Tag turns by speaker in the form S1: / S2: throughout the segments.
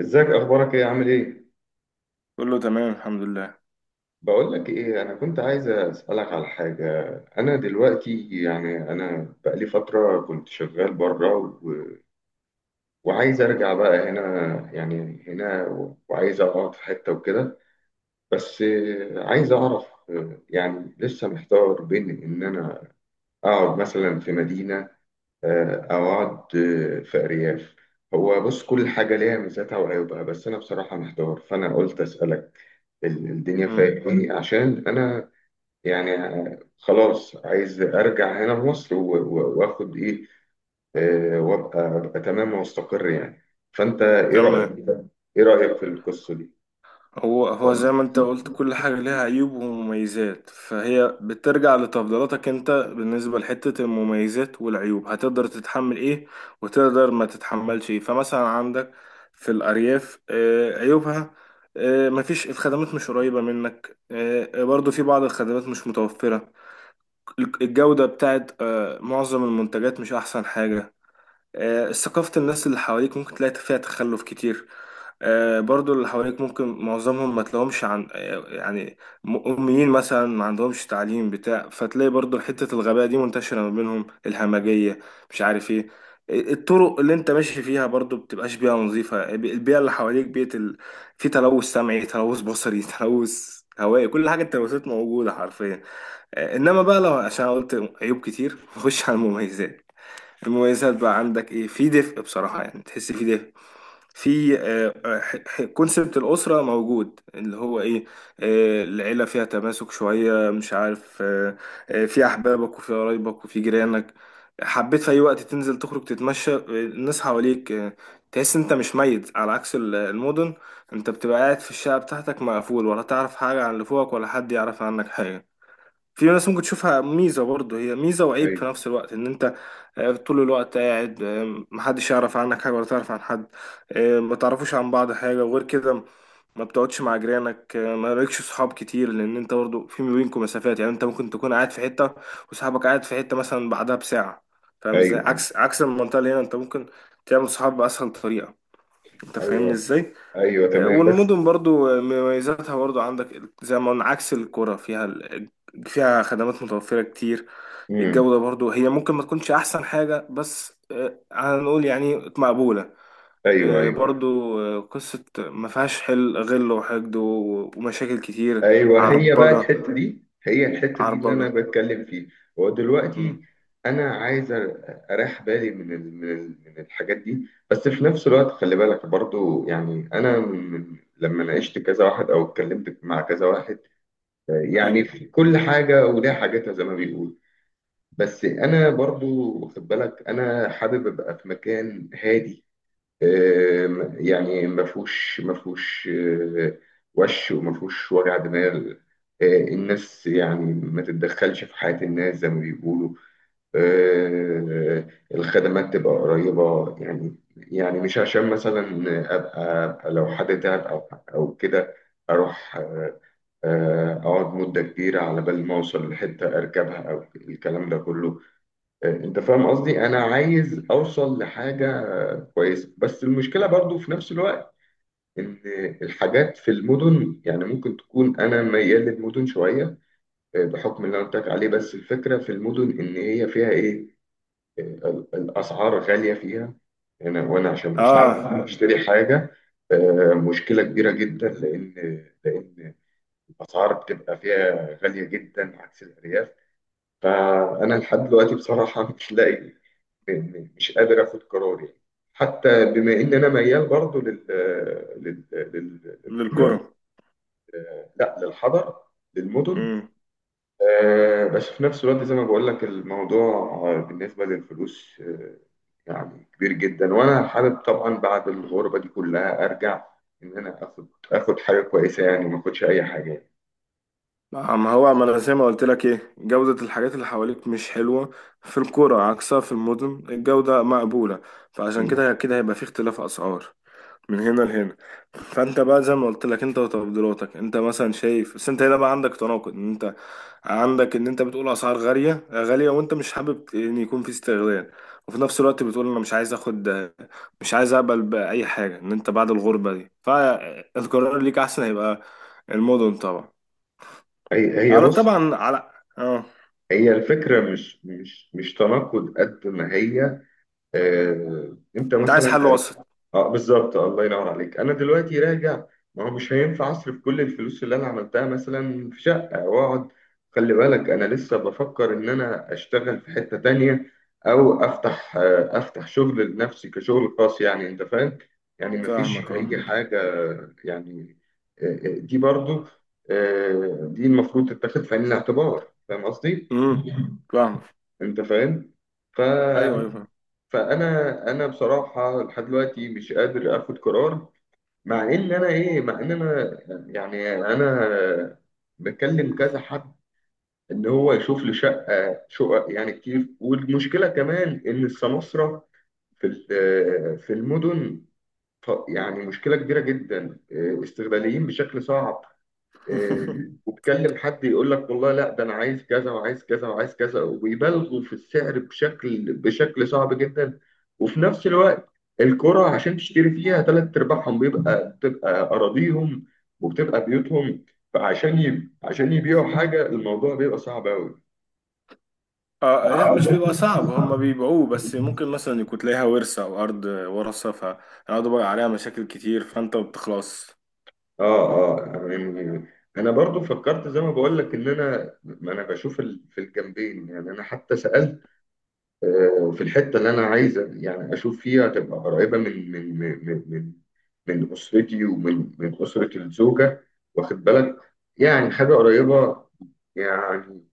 S1: ازيك؟ اخبارك ايه؟ عامل ايه؟
S2: كله تمام الحمد لله.
S1: بقول لك ايه، انا كنت عايز اسالك على حاجه. انا دلوقتي، يعني انا بقالي فتره كنت شغال بره وعايز ارجع بقى هنا. يعني هنا، وعايز اقعد في حته وكده. بس عايز اعرف، يعني لسه محتار بين ان انا اقعد مثلا في مدينه، او اقعد في ارياف. هو بص، كل حاجه ليها ميزاتها وعيوبها، بس انا بصراحه محتار فانا قلت اسالك. الدنيا
S2: امم
S1: فايقاني عشان انا يعني خلاص عايز ارجع هنا لمصر و- و- واخد ايه، وابقى تمام واستقر يعني. فانت ايه رايك؟
S2: تمام.
S1: ايه رايك في القصه دي؟
S2: هو زي ما انت قلت، كل حاجة ليها عيوب ومميزات، فهي بترجع لتفضيلاتك انت. بالنسبة لحتة المميزات والعيوب، هتقدر تتحمل ايه وتقدر ما تتحملش ايه؟ فمثلا عندك في الأرياف عيوبها مفيش الخدمات، مش قريبة منك. برضو في بعض الخدمات مش متوفرة. الجودة بتاعت معظم المنتجات مش أحسن حاجة. ثقافة الناس اللي حواليك ممكن تلاقي فيها تخلف كتير. برضو اللي حواليك ممكن معظمهم ما تلاقيهمش عن يعني أميين مثلا، ما عندهمش تعليم بتاع، فتلاقي برضو حتة الغباء دي منتشرة ما بينهم، الهمجية، مش عارف ايه. الطرق اللي انت ماشي فيها برضو بتبقاش بيئة نظيفة. البيئة اللي حواليك بيئة في تلوث سمعي، تلوث بصري، تلوث هوائي، كل حاجة، التلوثات موجودة حرفيا. انما بقى، لو عشان قلت عيوب كتير نخش على المميزات. المميزات بقى عندك ايه؟ في دفء بصراحة، يعني تحس في دفء، في كونسبت الأسرة موجود، اللي هو ايه، العيلة فيها تماسك شوية، مش عارف في أحبابك وفي قرايبك وفي جيرانك. حبيت في أي وقت تنزل، تخرج، تتمشى، الناس حواليك، تحس انت مش ميت، على عكس المدن. انت بتبقى قاعد في الشقة بتاعتك مقفول، ولا تعرف حاجة عن اللي فوقك، ولا حد يعرف عنك حاجة. في ناس ممكن تشوفها ميزة برضه، هي ميزة وعيب في
S1: ايوه،
S2: نفس الوقت، ان انت طول الوقت قاعد، محدش يعرف عنك حاجة ولا تعرف عن حد، ما تعرفوش عن بعض حاجة. وغير كده، ما بتقعدش مع جيرانك، ما لكش صحاب كتير، لان انت برضه في ما بينكم مسافات. يعني انت ممكن تكون قاعد في حتة وصاحبك قاعد في حتة مثلا بعدها بساعة. فاهم ازاي؟
S1: ايوه، ايوه،
S2: عكس المنطقة اللي هنا، انت ممكن تعمل صحاب بأسهل طريقة. انت فاهمني
S1: ايوه،
S2: ازاي؟
S1: أيوه، تمام بس.
S2: والمدن برضو مميزاتها، برضو عندك زي ما قلنا عكس القرى. فيها فيها خدمات متوفرة كتير.
S1: امم.
S2: الجودة برضو هي ممكن ما تكونش أحسن حاجة، بس هنقول يعني مقبولة.
S1: ايوه، ايوه، أيوه.
S2: برضو قصة ما فيهاش حل غل وحقد ومشاكل كتير.
S1: ايوه، هي بقى
S2: عربجة،
S1: الحته دي، هي الحته دي اللي انا
S2: عربجة.
S1: بتكلم فيها. هو
S2: مم.
S1: دلوقتي انا عايز اريح بالي من الحاجات دي، بس في نفس الوقت خلي بالك برضو، يعني انا من لما ناقشت كذا واحد او اتكلمت مع كذا واحد، يعني
S2: مم.
S1: في كل حاجه وليها حاجاتها زي ما بيقول. بس انا برضو واخد بالك انا حابب ابقى في مكان هادي. يعني ما فيهوش، آه، وما فيهوش وجع دماغ. الناس يعني ما تتدخلش في حياة الناس زي ما بيقولوا. آه، الخدمات تبقى قريبة، يعني مش عشان مثلا أبقى لو حد تعب أو كده أروح، أقعد مدة كبيرة على بال ما أوصل لحتة أركبها أو الكلام ده كله. انت فاهم قصدي، انا عايز اوصل لحاجه كويسه. بس المشكله برضو في نفس الوقت ان الحاجات في المدن، يعني ممكن تكون انا ميال للمدن شويه، بحكم اللي انا قلت لك عليه. بس الفكره في المدن ان هي فيها ايه، الاسعار غاليه فيها. انا، وانا عشان اشتري
S2: اه،
S1: حاجه، مشكله كبيره جدا، لان الاسعار بتبقى فيها غاليه جدا عكس الارياف. فانا لحد دلوقتي بصراحه مش لاقي، مش قادر اخد قرار يعني. حتى بما ان انا ميال برضو لل لل
S2: للقرى.
S1: لل- لا، للحضر، للمدن، بس في نفس الوقت زي ما بقول لك الموضوع، بالنسبة للفلوس، يعني كبير جدا. وانا حابب طبعا بعد الغربة دي كلها ارجع ان انا اخد حاجة كويسة يعني، وما اخدش اي حاجة يعني.
S2: ما هو ما انا زي ما قلت لك، ايه جودة الحاجات اللي حواليك مش حلوة في القرى، عكسها في المدن، الجودة مقبولة، فعشان
S1: مم.
S2: كده كده هيبقى في اختلاف اسعار من هنا لهنا. فانت بقى زي ما قلت لك، انت وتفضيلاتك انت، مثلا شايف. بس انت هنا بقى عندك تناقض، ان انت عندك ان انت بتقول اسعار غالية غالية وانت مش حابب ان يكون في استغلال، وفي نفس الوقت بتقول انا مش عايز اخد، مش عايز اقبل باي حاجة ان انت بعد الغربة دي. فالقرار ليك احسن هيبقى المدن طبعا،
S1: هي
S2: على
S1: بص،
S2: طبعا على، اه.
S1: هي الفكرة مش تناقض قد ما هي، انت
S2: انت عايز
S1: مثلا.
S2: حل وسط.
S1: اه، بالظبط، الله ينور عليك. انا دلوقتي راجع، ما هو مش هينفع اصرف كل الفلوس اللي انا عملتها مثلا في شقه واقعد. خلي بالك انا لسه بفكر ان انا اشتغل في حته تانية، او افتح افتح شغل لنفسي كشغل خاص، يعني انت فاهم يعني ما فيش
S2: فاهمك، اه.
S1: اي حاجه يعني. دي برضو، دي المفروض تتاخد في عين الاعتبار، فاهم قصدي؟
S2: امم فاهمك.
S1: انت فاهم. ف
S2: ايوه ايوه فاهم.
S1: فانا بصراحه لحد دلوقتي مش قادر اخد قرار، مع ان انا، يعني انا بكلم كذا حد ان هو يشوف لي شقه، شقق يعني كتير. والمشكله كمان ان السماسره في ال- في المدن، يعني مشكله كبيره جدا، استغلاليين بشكل صعب. وتكلم حد يقول لك والله لا، ده انا عايز كذا وعايز كذا وعايز كذا، وبيبالغوا في السعر بشكل صعب جدا. وفي نفس الوقت الكرة عشان تشتري فيها تلات ارباعهم بتبقى اراضيهم وبتبقى بيوتهم، عشان يبيعوا حاجة الموضوع بيبقى صعب قوي.
S2: اه، لا مش
S1: اه،
S2: بيبقى صعب، هما بيبيعوه، بس ممكن مثلا يكون تلاقيها ورثة، او ارض ورثة، فيقعدوا بقى عليها مشاكل كتير فانت بتخلص.
S1: اه، يعني انا برضو فكرت زي ما بقول لك ان انا، ما انا بشوف في الجنبين، يعني انا حتى سألت، في الحته اللي انا عايز يعني اشوف فيها تبقى قريبه من من من اسرتي، من اسره الزوجه، واخد بالك، يعني حاجه قريبه يعني.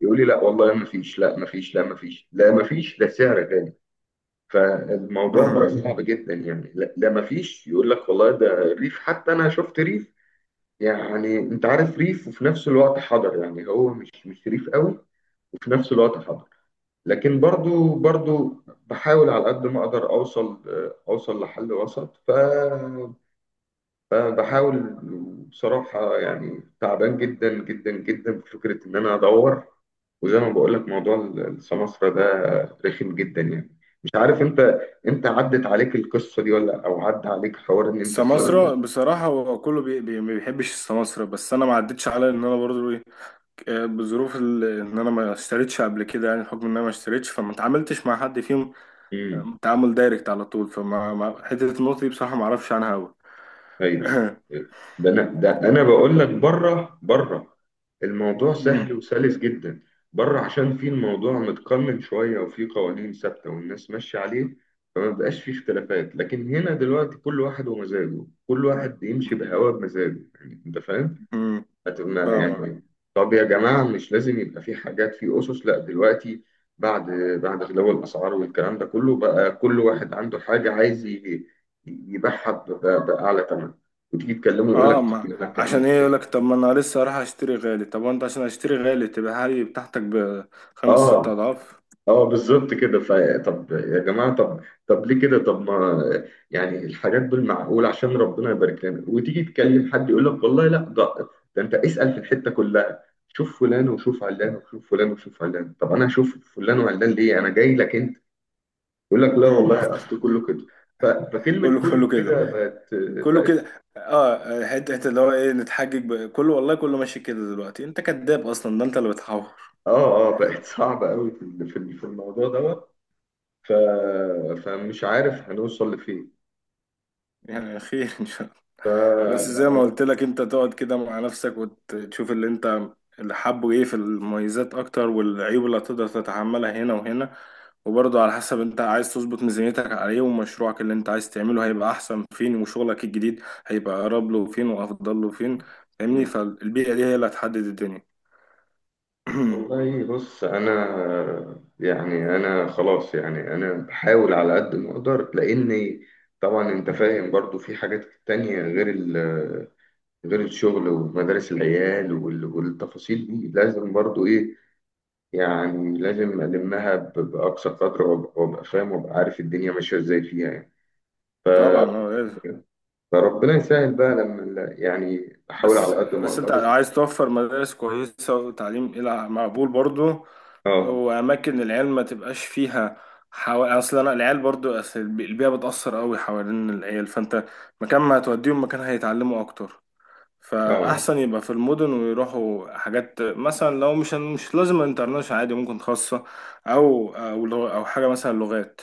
S1: يقول لي لا والله ما فيش، لا ما فيش، لا ما فيش، لا ما فيش ده سعر غالي. فالموضوع بقى صعب جدا يعني. لا, لا ما فيش، يقول لك والله ده الريف. حتى انا شفت ريف، يعني انت عارف ريف وفي نفس الوقت حضر، يعني هو مش ريف قوي وفي نفس الوقت حضر. لكن برضو، برضو بحاول على قد ما اقدر اوصل، لحل وسط. فبحاول، بصراحة يعني تعبان جدا جدا جدا بفكرة ان انا ادور. وزي ما بقول لك موضوع السمسرة ده رخم جدا، يعني مش عارف انت عدت عليك القصة دي ولا، او عدى عليك حوار ان انت تشتغل؟
S2: السماسرة بصراحة هو كله بي بي ما بيحبش السماسرة، بس أنا ما عدتش على إن أنا برضو إيه، بظروف إن أنا ما اشتريتش قبل كده. يعني بحكم إن أنا ما اشتريتش، فما اتعاملتش مع حد فيهم تعامل دايركت على طول، فما حتة النقطة دي بصراحة ما اعرفش عنها أوي.
S1: ايوه، أيوه. ده انا بقول لك بره، بره الموضوع سهل
S2: مم،
S1: وسلس جدا. بره عشان في الموضوع متقنن شويه، وفي قوانين ثابته والناس ماشيه عليه، فما بقاش فيه اختلافات. لكن هنا دلوقتي كل واحد ومزاجه، كل واحد يمشي بهواه بمزاجه، يعني انت فاهم،
S2: مم، فاهمك،
S1: يعني طب يا جماعة، مش لازم يبقى في حاجات، في أسس؟ لا دلوقتي بعد، غلو الأسعار والكلام ده كله بقى كل واحد عنده حاجة عايز يبيعها ب- ب- بأعلى ثمن، وتيجي تكلمه يقول لك
S2: اه.
S1: طب،
S2: ما
S1: يقول لك يا عم
S2: عشان
S1: في
S2: ايه؟ يقولك
S1: حاجة.
S2: طب ما انا لسه رايح اشتري غالي، طب وانت عشان اشتري غالي تبقى هاي بتاعتك بخمس ست
S1: اه،
S2: اضعاف؟
S1: اه، بالظبط كده. طب يا جماعه، طب، ليه كده؟ طب ما يعني الحاجات بالمعقول عشان ربنا يبارك لنا. وتيجي تكلم حد يقول لك والله لا، ده ده انت اسال في الحته كلها، شوف فلان وشوف علان وشوف فلان وشوف علان. طب انا اشوف فلان وعلان ليه، انا جاي لك انت. يقول لك لا
S2: مم.
S1: والله اصل كله كده. ف- فكلمه
S2: كله
S1: كله
S2: كله كده،
S1: كده بقت،
S2: كله
S1: بقت
S2: كده، اه. حتة حتة اللي هو ايه، نتحجج كله، والله كله ماشي كده دلوقتي. انت كذاب اصلا، ده انت اللي بتحور.
S1: اه، اه، بقت صعبه قوي في في الموضوع دوت. ف فمش عارف هنوصل لفين.
S2: يعني خير. بس زي ما قلت لك، انت تقعد كده مع نفسك وتشوف اللي انت اللي حابه ايه في المميزات اكتر، والعيوب اللي هتقدر تتحملها هنا وهنا. وبرضه على حسب انت عايز تظبط ميزانيتك على ايه، ومشروعك اللي انت عايز تعمله هيبقى احسن فين، وشغلك الجديد هيبقى اقرب له فين وافضل له فين. فاهمني؟ فالبيئة دي هي اللي هتحدد الدنيا.
S1: والله بص انا يعني، انا خلاص يعني انا بحاول على قد ما اقدر، لاني طبعا انت فاهم برضو في حاجات تانية غير غير الشغل ومدارس العيال والتفاصيل دي لازم برضو ايه، يعني لازم المها باقصى قدر، وابقى فاهم وابقى عارف الدنيا ماشيه ازاي فيها يعني.
S2: طبعا اه لازم.
S1: فربنا يسهل بقى، لما يعني بحاول
S2: بس
S1: على قد ما
S2: بس
S1: اقدر.
S2: انت عايز توفر مدارس كويسة وتعليم إلى مقبول برضو،
S1: اه،
S2: وأماكن العيال ما تبقاش فيها أصل أنا العيال برضو، أصل البيئة بتأثر أوي حوالين العيال، فأنت مكان ما هتوديهم، مكان هيتعلموا أكتر.
S1: اه،
S2: فأحسن يبقى في المدن، ويروحوا حاجات مثلا، لو مش مش لازم انترناشونال عادي، ممكن خاصة أو أو أو حاجة مثلا لغات.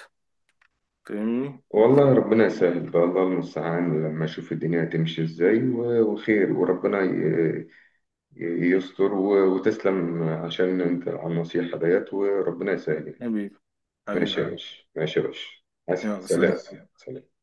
S2: فاهمني؟
S1: والله ربنا يسهل بقى، الله المستعان لما اشوف الدنيا هتمشي ازاي وخير. ي- يستر، وتسلم عشان انت على النصيحة ديت، وربنا يسهل.
S2: حبيبي،
S1: ماشي
S2: حبيبي.
S1: يا باشا، ماشي يا باشا. حسن،
S2: يلا
S1: سلام.
S2: سلام.
S1: سلام.